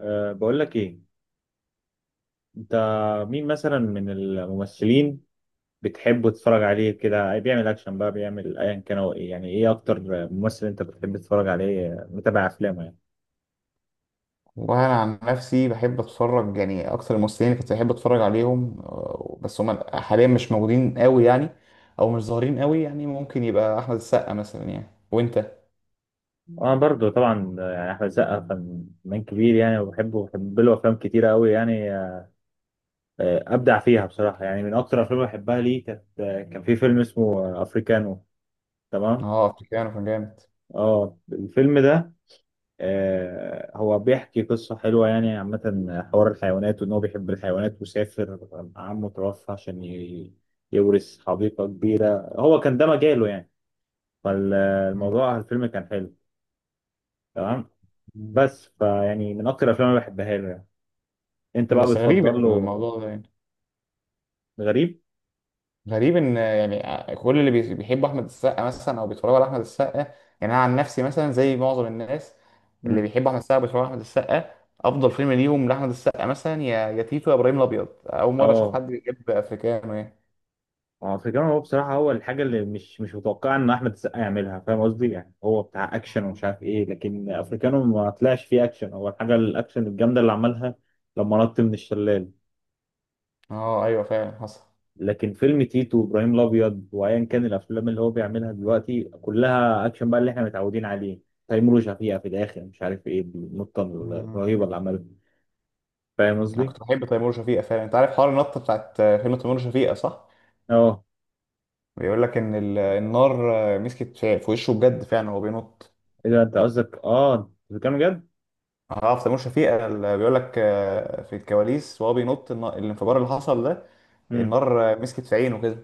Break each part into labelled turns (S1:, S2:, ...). S1: بقول لك ايه. انت، مين مثلا من الممثلين بتحب تتفرج عليه كده، بيعمل اكشن بقى، بيعمل ايا كان هو ايه؟ يعني ايه اكتر ممثل انت بتحب تتفرج عليه متابع افلامه يعني.
S2: والله انا عن نفسي بحب اتفرج، يعني اكتر الممثلين اللي كنت بحب اتفرج عليهم بس هم حاليا مش موجودين قوي يعني، او مش ظاهرين قوي. يعني ممكن يبقى احمد السقا مثلا، يعني وانت.
S1: انا برضو طبعا يعني احمد السقا فنان كبير يعني، وبحبه وبحب له افلام كتيره قوي يعني. ابدع فيها بصراحه يعني. من اكتر الافلام اللي بحبها ليه كان في فيلم اسمه افريكانو. تمام.
S2: اه افريكانو كان جامد.
S1: اه، الفيلم ده. هو بيحكي قصة حلوة يعني عامة. حوار الحيوانات، وإن هو بيحب الحيوانات وسافر. عمه توفى عشان يورث حديقة كبيرة، هو كان ده مجاله يعني. فالموضوع، الفيلم كان حلو. تمام.
S2: مم.
S1: بس فيعني من أكتر الأفلام اللي بحبها له يعني. أنت بقى
S2: بس غريب يعني
S1: بتفضل له؟
S2: الموضوع ده يعني.
S1: غريب؟
S2: غريب ان يعني كل اللي بيحبوا احمد السقا مثلا او بيتفرجوا على احمد السقا، يعني انا عن نفسي مثلا زي معظم الناس اللي
S1: مم.
S2: بيحبوا احمد السقا بيتفرجوا على احمد السقا، افضل فيلم ليهم لاحمد السقا مثلا يا يا تيتو يا ابراهيم الابيض. اول مره اشوف
S1: اه
S2: حد بيحب افريكانو يعني.
S1: هو بصراحة، هو الحاجة اللي مش متوقعة إن أحمد السقا يعملها. فاهم قصدي؟ يعني هو بتاع أكشن
S2: آه.
S1: ومش عارف إيه، لكن أفريكانو ما طلعش فيه أكشن. هو الحاجة الأكشن الجامدة اللي عملها لما نط من الشلال.
S2: اه ايوه فعلا حصل.
S1: لكن فيلم تيتو وإبراهيم الأبيض وأيا كان، الأفلام اللي هو بيعملها دلوقتي كلها أكشن بقى، اللي إحنا متعودين عليه. تيمور وشفيقة في الآخر، مش عارف إيه النطة
S2: مم.
S1: الرهيبة اللي عملها. فاهم
S2: انا
S1: قصدي؟
S2: كنت بحب تيمور وشفيقة فعلا. انت عارف حوار النطه بتاعت فيلم تيمور وشفيقة صح؟
S1: أه.
S2: بيقول لك ان النار مسكت في وشه بجد فعلا وهو بينط.
S1: إيه ده؟ أنت قصدك أفريكانو جد؟
S2: اه في تيمور شفيقة اللي بيقول لك في الكواليس وهو بينط الانفجار اللي حصل ده،
S1: مم.
S2: النار مسكت في عينه كده.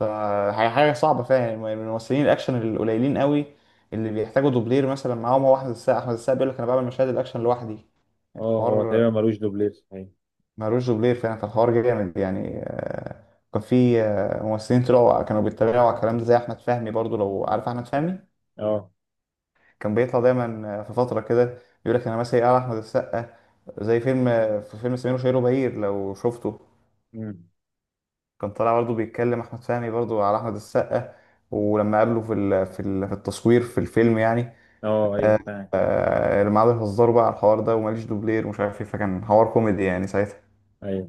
S2: فحاجة صعبة فعلا. من الممثلين الأكشن القليلين قوي اللي بيحتاجوا دوبلير مثلا معاهم هو أحمد السقا. أحمد السقا بيقول لك أنا بعمل مشاهد الأكشن لوحدي،
S1: أه، هو
S2: الحوار.
S1: تقريبا ملوش دوبلير صحيح.
S2: مالوش دوبلير فعلا، فالحوار جامد يعني. كان في ممثلين طلعوا كانوا بيتريقوا على الكلام ده زي أحمد فهمي برضو، لو عارف أحمد فهمي.
S1: أه.
S2: كان بيطلع دايما في فترة كده يقول لك انا مثلا على احمد السقا، زي فيلم في فيلم سمير وشهير وبهير لو شفته،
S1: مم.
S2: كان طالع برضه بيتكلم احمد فهمي برضه على احمد السقا، ولما قابله في التصوير في الفيلم يعني.
S1: اه، ايوه،
S2: آه،
S1: فاهم.
S2: لما قعدوا يهزروا بقى على الحوار ده وماليش دوبلير ومش عارف ايه، فكان حوار كوميدي يعني ساعتها.
S1: ايوه.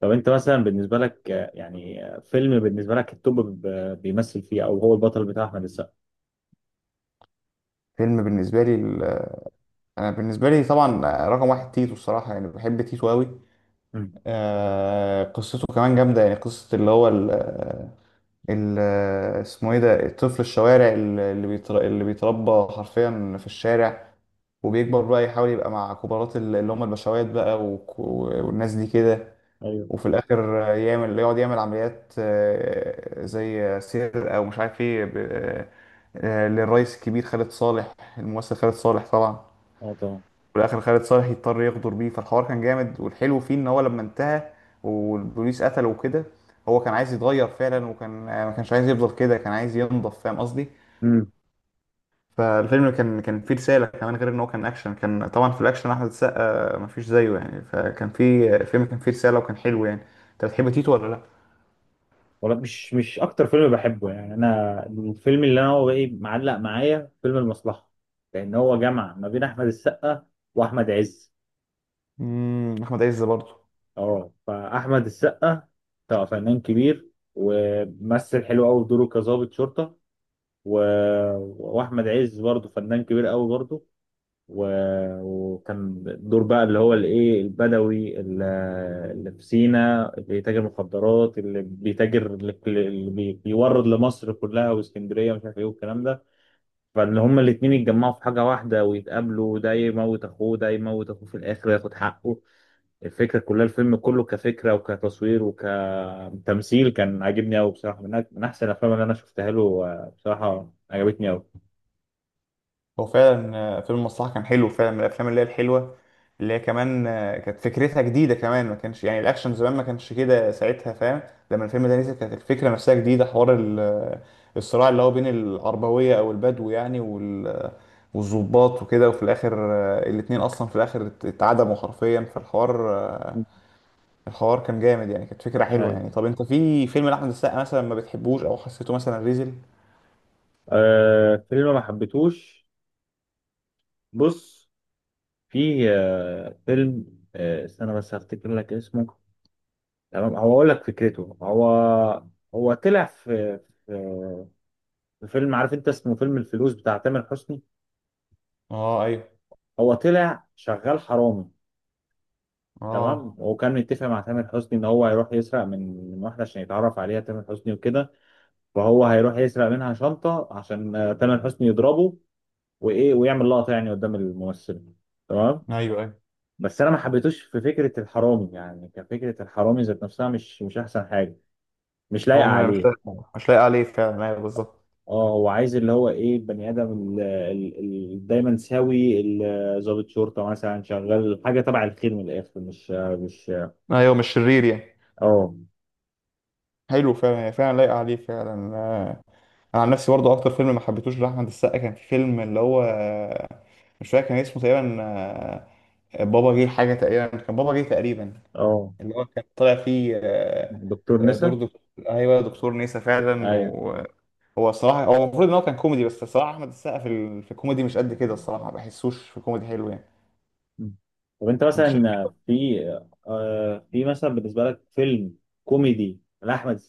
S1: طب انت مثلا بالنسبه لك، يعني فيلم بالنسبه لك التوب، بيمثل فيه او هو البطل، بتاع احمد السقا.
S2: فيلم بالنسبة لي ال- انا بالنسبة لي طبعا رقم واحد تيتو الصراحة، يعني بحب تيتو قوي.
S1: مم.
S2: قصته كمان جامدة يعني. قصة اللي هو ال- اسمه ايه ده، الطفل الشوارع اللي بيتربى حرفيا في الشارع، وبيكبر بقى يحاول يبقى مع كبارات اللي هم البشوات بقى والناس دي كده.
S1: ايوه.
S2: وفي الاخر يعمل يقعد يعمل عمليات زي سرقة ومش عارف ايه للرئيس الكبير خالد صالح، الممثل خالد صالح طبعا.
S1: اه، طبعا.
S2: وفي الاخر خالد صالح يضطر يغدر بيه، فالحوار كان جامد. والحلو فيه ان هو لما انتهى والبوليس قتله وكده، هو كان عايز يتغير فعلا، وكان ما كانش عايز يفضل كده، كان عايز ينضف، فاهم قصدي.
S1: امم.
S2: فالفيلم كان فيه رسالة كمان، غير ان هو كان اكشن. كان طبعا في الاكشن احمد السقا مفيش زيه يعني، فكان فيه الفيلم كان فيه رسالة وكان حلو يعني. انت بتحب تيتو ولا لا؟
S1: والله، مش اكتر فيلم بحبه يعني. انا الفيلم اللي انا هو ايه معلق معايا فيلم المصلحه، لان هو جمع ما بين احمد السقا واحمد عز.
S2: امم، احمد عز برضه.
S1: اه، فاحمد السقا طبعا فنان كبير، وممثل حلو قوي في دوره كظابط شرطه. و... واحمد عز برضه فنان كبير قوي برضه. وكان الدور بقى اللي هو الايه، البدوي اللي في سينا، اللي بيتاجر مخدرات، اللي بيتاجر، اللي بيورد لمصر كلها واسكندريه ومش عارف ايه والكلام ده. فان هما الاتنين يتجمعوا في حاجه واحده ويتقابلوا، ده يموت اخوه ده يموت اخوه، في الاخر ياخد حقه. الفكره كلها، الفيلم كله كفكره وكتصوير وكتمثيل، كان عاجبني قوي بصراحه. من من احسن الافلام اللي انا شفتها له. بصراحه عجبتني قوي.
S2: هو فعلا فيلم المصلحة كان حلو فعلا، من الأفلام اللي هي الحلوة، اللي هي كمان كانت فكرتها جديدة كمان. ما كانش يعني الأكشن زمان ما كانش كده ساعتها، فاهم. لما الفيلم ده نزل كانت الفكرة نفسها جديدة، حوار الصراع اللي هو بين العربوية أو البدو يعني والضباط وكده. وفي الآخر الاتنين أصلا في الآخر اتعدموا حرفيا، فالحوار الحوار كان جامد يعني، كانت فكرة حلوة يعني.
S1: ايوه.
S2: طب أنت في فيلم لأحمد السقا مثلا ما بتحبوش أو حسيته مثلا ريزل؟
S1: آه، فيلم ما حبيتهوش. بص، في فيلم، استنى بس هفتكر لك اسمه. تمام، هو اقول لك فكرته. هو هو طلع في في فيلم، عارف انت اسمه، فيلم الفلوس بتاع تامر حسني.
S2: اه ايوه.
S1: هو طلع شغال حرامي، تمام.
S2: اه
S1: وكان متفق مع تامر حسني ان هو هيروح يسرق من واحده عشان يتعرف عليها تامر حسني وكده. فهو هيروح يسرق منها شنطه عشان تامر حسني يضربه وايه، ويعمل لقطه يعني قدام الممثل. تمام.
S2: ايوه ايوه.
S1: بس انا ما حبيتوش في فكره الحرامي يعني، كفكره الحرامي ذات نفسها مش احسن حاجه. مش لايقه
S2: هو مش
S1: عليه.
S2: لايق، مش لايق عليه فعلا، ايوه بالظبط.
S1: اه، هو عايز اللي هو ايه، بني ادم ال- دايما سوي ضابط شرطه مثلا، شغال حاجه تبع الخير من الاخر، مش.
S2: ايوه مش شرير يعني.
S1: اه،
S2: حلو فعلا، هي فعلا لايقه عليه فعلا. انا عن نفسي برضه اكتر فيلم ما حبيتهوش لاحمد السقا كان في فيلم اللي هو، مش فاكر كان اسمه تقريبا، بابا جه حاجه تقريبا، كان بابا جه تقريبا،
S1: اه،
S2: اللي هو كان طالع فيه
S1: دكتور نسا.
S2: دور دكتور. ايوه دكتور نيسا فعلا.
S1: ايوه.
S2: وهو الصراحه هو المفروض ان هو كان كوميدي، بس الصراحه احمد السقا في في الكوميدي مش قد كده الصراحه، ما بحسوش في كوميدي حلو يعني.
S1: مم. طب انت
S2: انت،
S1: مثلا في مثلا بالنسبه لك فيلم كوميدي لاحمد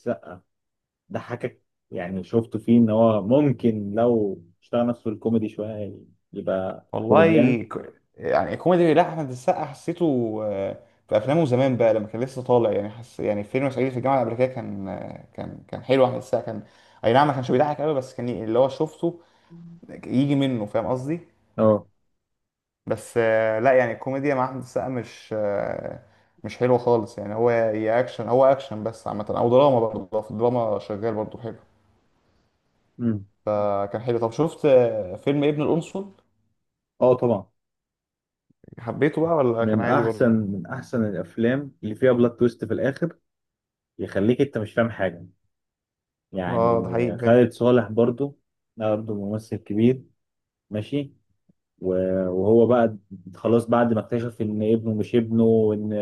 S1: ضحكك، يعني شفته فيه ان هو ممكن لو اشتغل نفسه في الكوميدي شويه يبقى
S2: والله
S1: كوميديان.
S2: يعني كوميدي لا احمد السقا، حسيته في افلامه زمان بقى لما كان لسه طالع يعني، حس يعني فيلم صعيدي في الجامعه الامريكيه كان كان حلو. احمد السقا كان اي نعم ما كانش بيضحك قوي، بس كان اللي هو شفته يجي منه، فاهم قصدي.
S1: اه.
S2: بس لا يعني الكوميديا مع احمد السقا مش مش حلوه خالص يعني. هو يا اكشن، هو اكشن بس عامه، او دراما برضه، في الدراما شغال برضه حلو.
S1: امم.
S2: فكان حلو. طب شفت فيلم ابن القنصل؟
S1: اه، طبعا.
S2: حبيته بقى ولا كان
S1: من
S2: عادي
S1: احسن
S2: برضه؟
S1: من احسن الافلام اللي فيها بلوت تويست في الاخر، يخليك انت مش فاهم حاجه
S2: اه
S1: يعني.
S2: ده حقيقي فعلا.
S1: خالد صالح برضو، ده برضو ممثل كبير. ماشي. وهو بقى خلاص بعد ما اكتشف ان ابنه مش ابنه، وان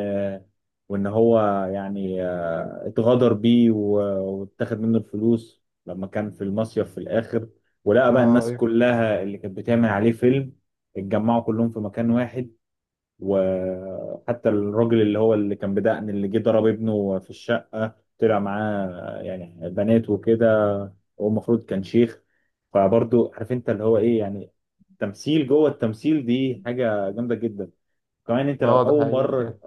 S1: وان هو يعني اتغدر بيه، واتاخد منه الفلوس لما كان في المصيف. في الاخر، ولقى بقى الناس
S2: اه.
S1: كلها اللي كانت بتعمل عليه فيلم اتجمعوا كلهم في مكان واحد. وحتى الراجل اللي هو اللي كان بدقن، اللي جه ضرب ابنه في الشقة، طلع معاه يعني بنات وكده. هو المفروض كان شيخ. فبرضه عارف انت اللي هو ايه يعني، تمثيل جوه التمثيل، دي حاجه جامده جدا. كمان انت لو
S2: اه ده
S1: اول
S2: حقيقي
S1: مره،
S2: فعلا.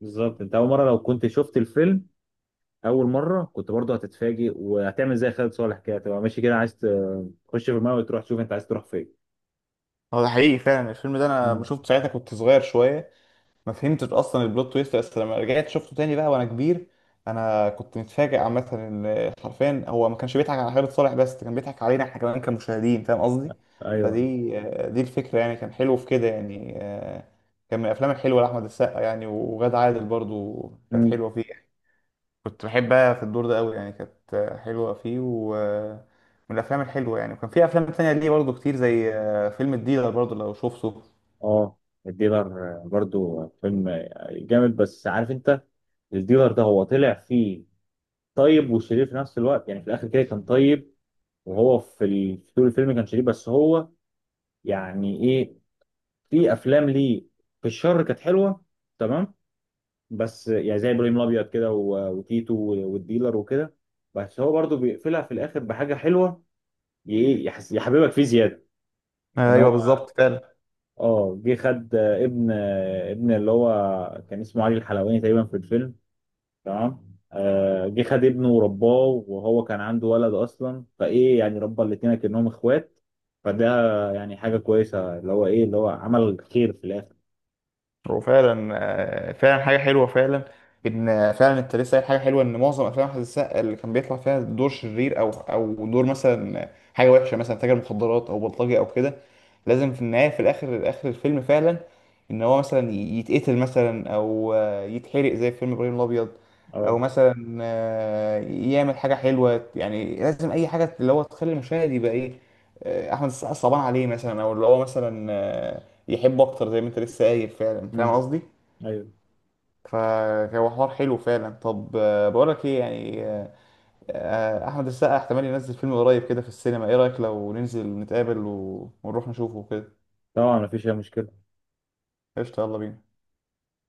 S1: بالظبط انت اول مره لو كنت شفت الفيلم، اول مره كنت برضه هتتفاجئ، وهتعمل زي خالد صالح كده تبقى ماشي كده، عايز تخش في الماء وتروح تشوف انت عايز تروح فين.
S2: هو ده حقيقي فعلا. الفيلم ده انا ما
S1: مم.
S2: شفته ساعتها كنت صغير شويه، ما فهمتش اصلا البلوت تويست، بس لما رجعت شفته تاني بقى وانا كبير انا كنت متفاجئ عامه ان حرفيا هو ما كانش بيضحك على خالد صالح بس كان بيضحك علينا احنا كمان كمشاهدين، فاهم قصدي.
S1: ايوه.
S2: فدي دي الفكره يعني، كان حلو في كده يعني. كان من الافلام الحلوه لاحمد السقا يعني، وغادة عادل برضو كانت
S1: مم.
S2: حلوه فيه، كنت بحبها في الدور ده قوي يعني، كانت حلوة فيه ومن الأفلام الحلوة يعني. وكان في أفلام تانية ليه برضه كتير، زي فيلم الديلر برضه لو شفته.
S1: اه، الديلر برضو فيلم جامد. بس عارف انت الديلر ده هو طلع فيه طيب وشرير في نفس الوقت، يعني في الاخر كده كان طيب. وهو في في طول الفيلم كانش ليه، بس هو يعني ايه، في افلام ليه في الشر كانت حلوه. تمام. بس يعني زي ابراهيم الابيض كده وتيتو والديلر وكده، بس هو برضو بيقفلها في الاخر بحاجه حلوه. ايه، يحس يحببك فيه زياده. ان
S2: ايوه
S1: هو
S2: بالظبط فعلا.
S1: اه جه خد ابن اللي هو كان اسمه علي الحلواني تقريبا في الفيلم، تمام. جه خد ابنه ورباه، وهو كان عنده ولد اصلا، فايه يعني ربى الاتنين كأنهم اخوات. فده يعني حاجه كويسه اللي هو ايه، اللي هو عمل خير في الاخر.
S2: هو فعلا فعلا حاجة حلوة فعلا. إن فعلا أنت لسه قايل حاجة حلوة، إن معظم أفلام أحمد السقا اللي كان بيطلع فيها دور شرير أو دور مثلا حاجة وحشة، مثلا تاجر مخدرات أو بلطجي أو كده، لازم في النهاية في الآخر آخر الفيلم فعلا إن هو مثلا يتقتل مثلا أو يتحرق زي في فيلم إبراهيم الأبيض، أو
S1: اه.
S2: مثلا يعمل حاجة حلوة يعني. لازم أي حاجة اللي هو تخلي المشاهد يبقى إيه، أحمد السقا صعبان عليه مثلا، أو اللي هو مثلا يحبوا اكتر زي ما انت لسه قايل فعلا، فاهم
S1: مم.
S2: قصدي.
S1: ايوه
S2: فهو حوار حلو فعلا. طب آه، بقولك ايه يعني آه، آه، احمد السقا احتمال ينزل فيلم قريب كده في السينما، ايه رايك لو ننزل نتقابل ونروح نشوفه كده؟
S1: طبعا، مفيش اي مشكله.
S2: قشطة يلا بينا.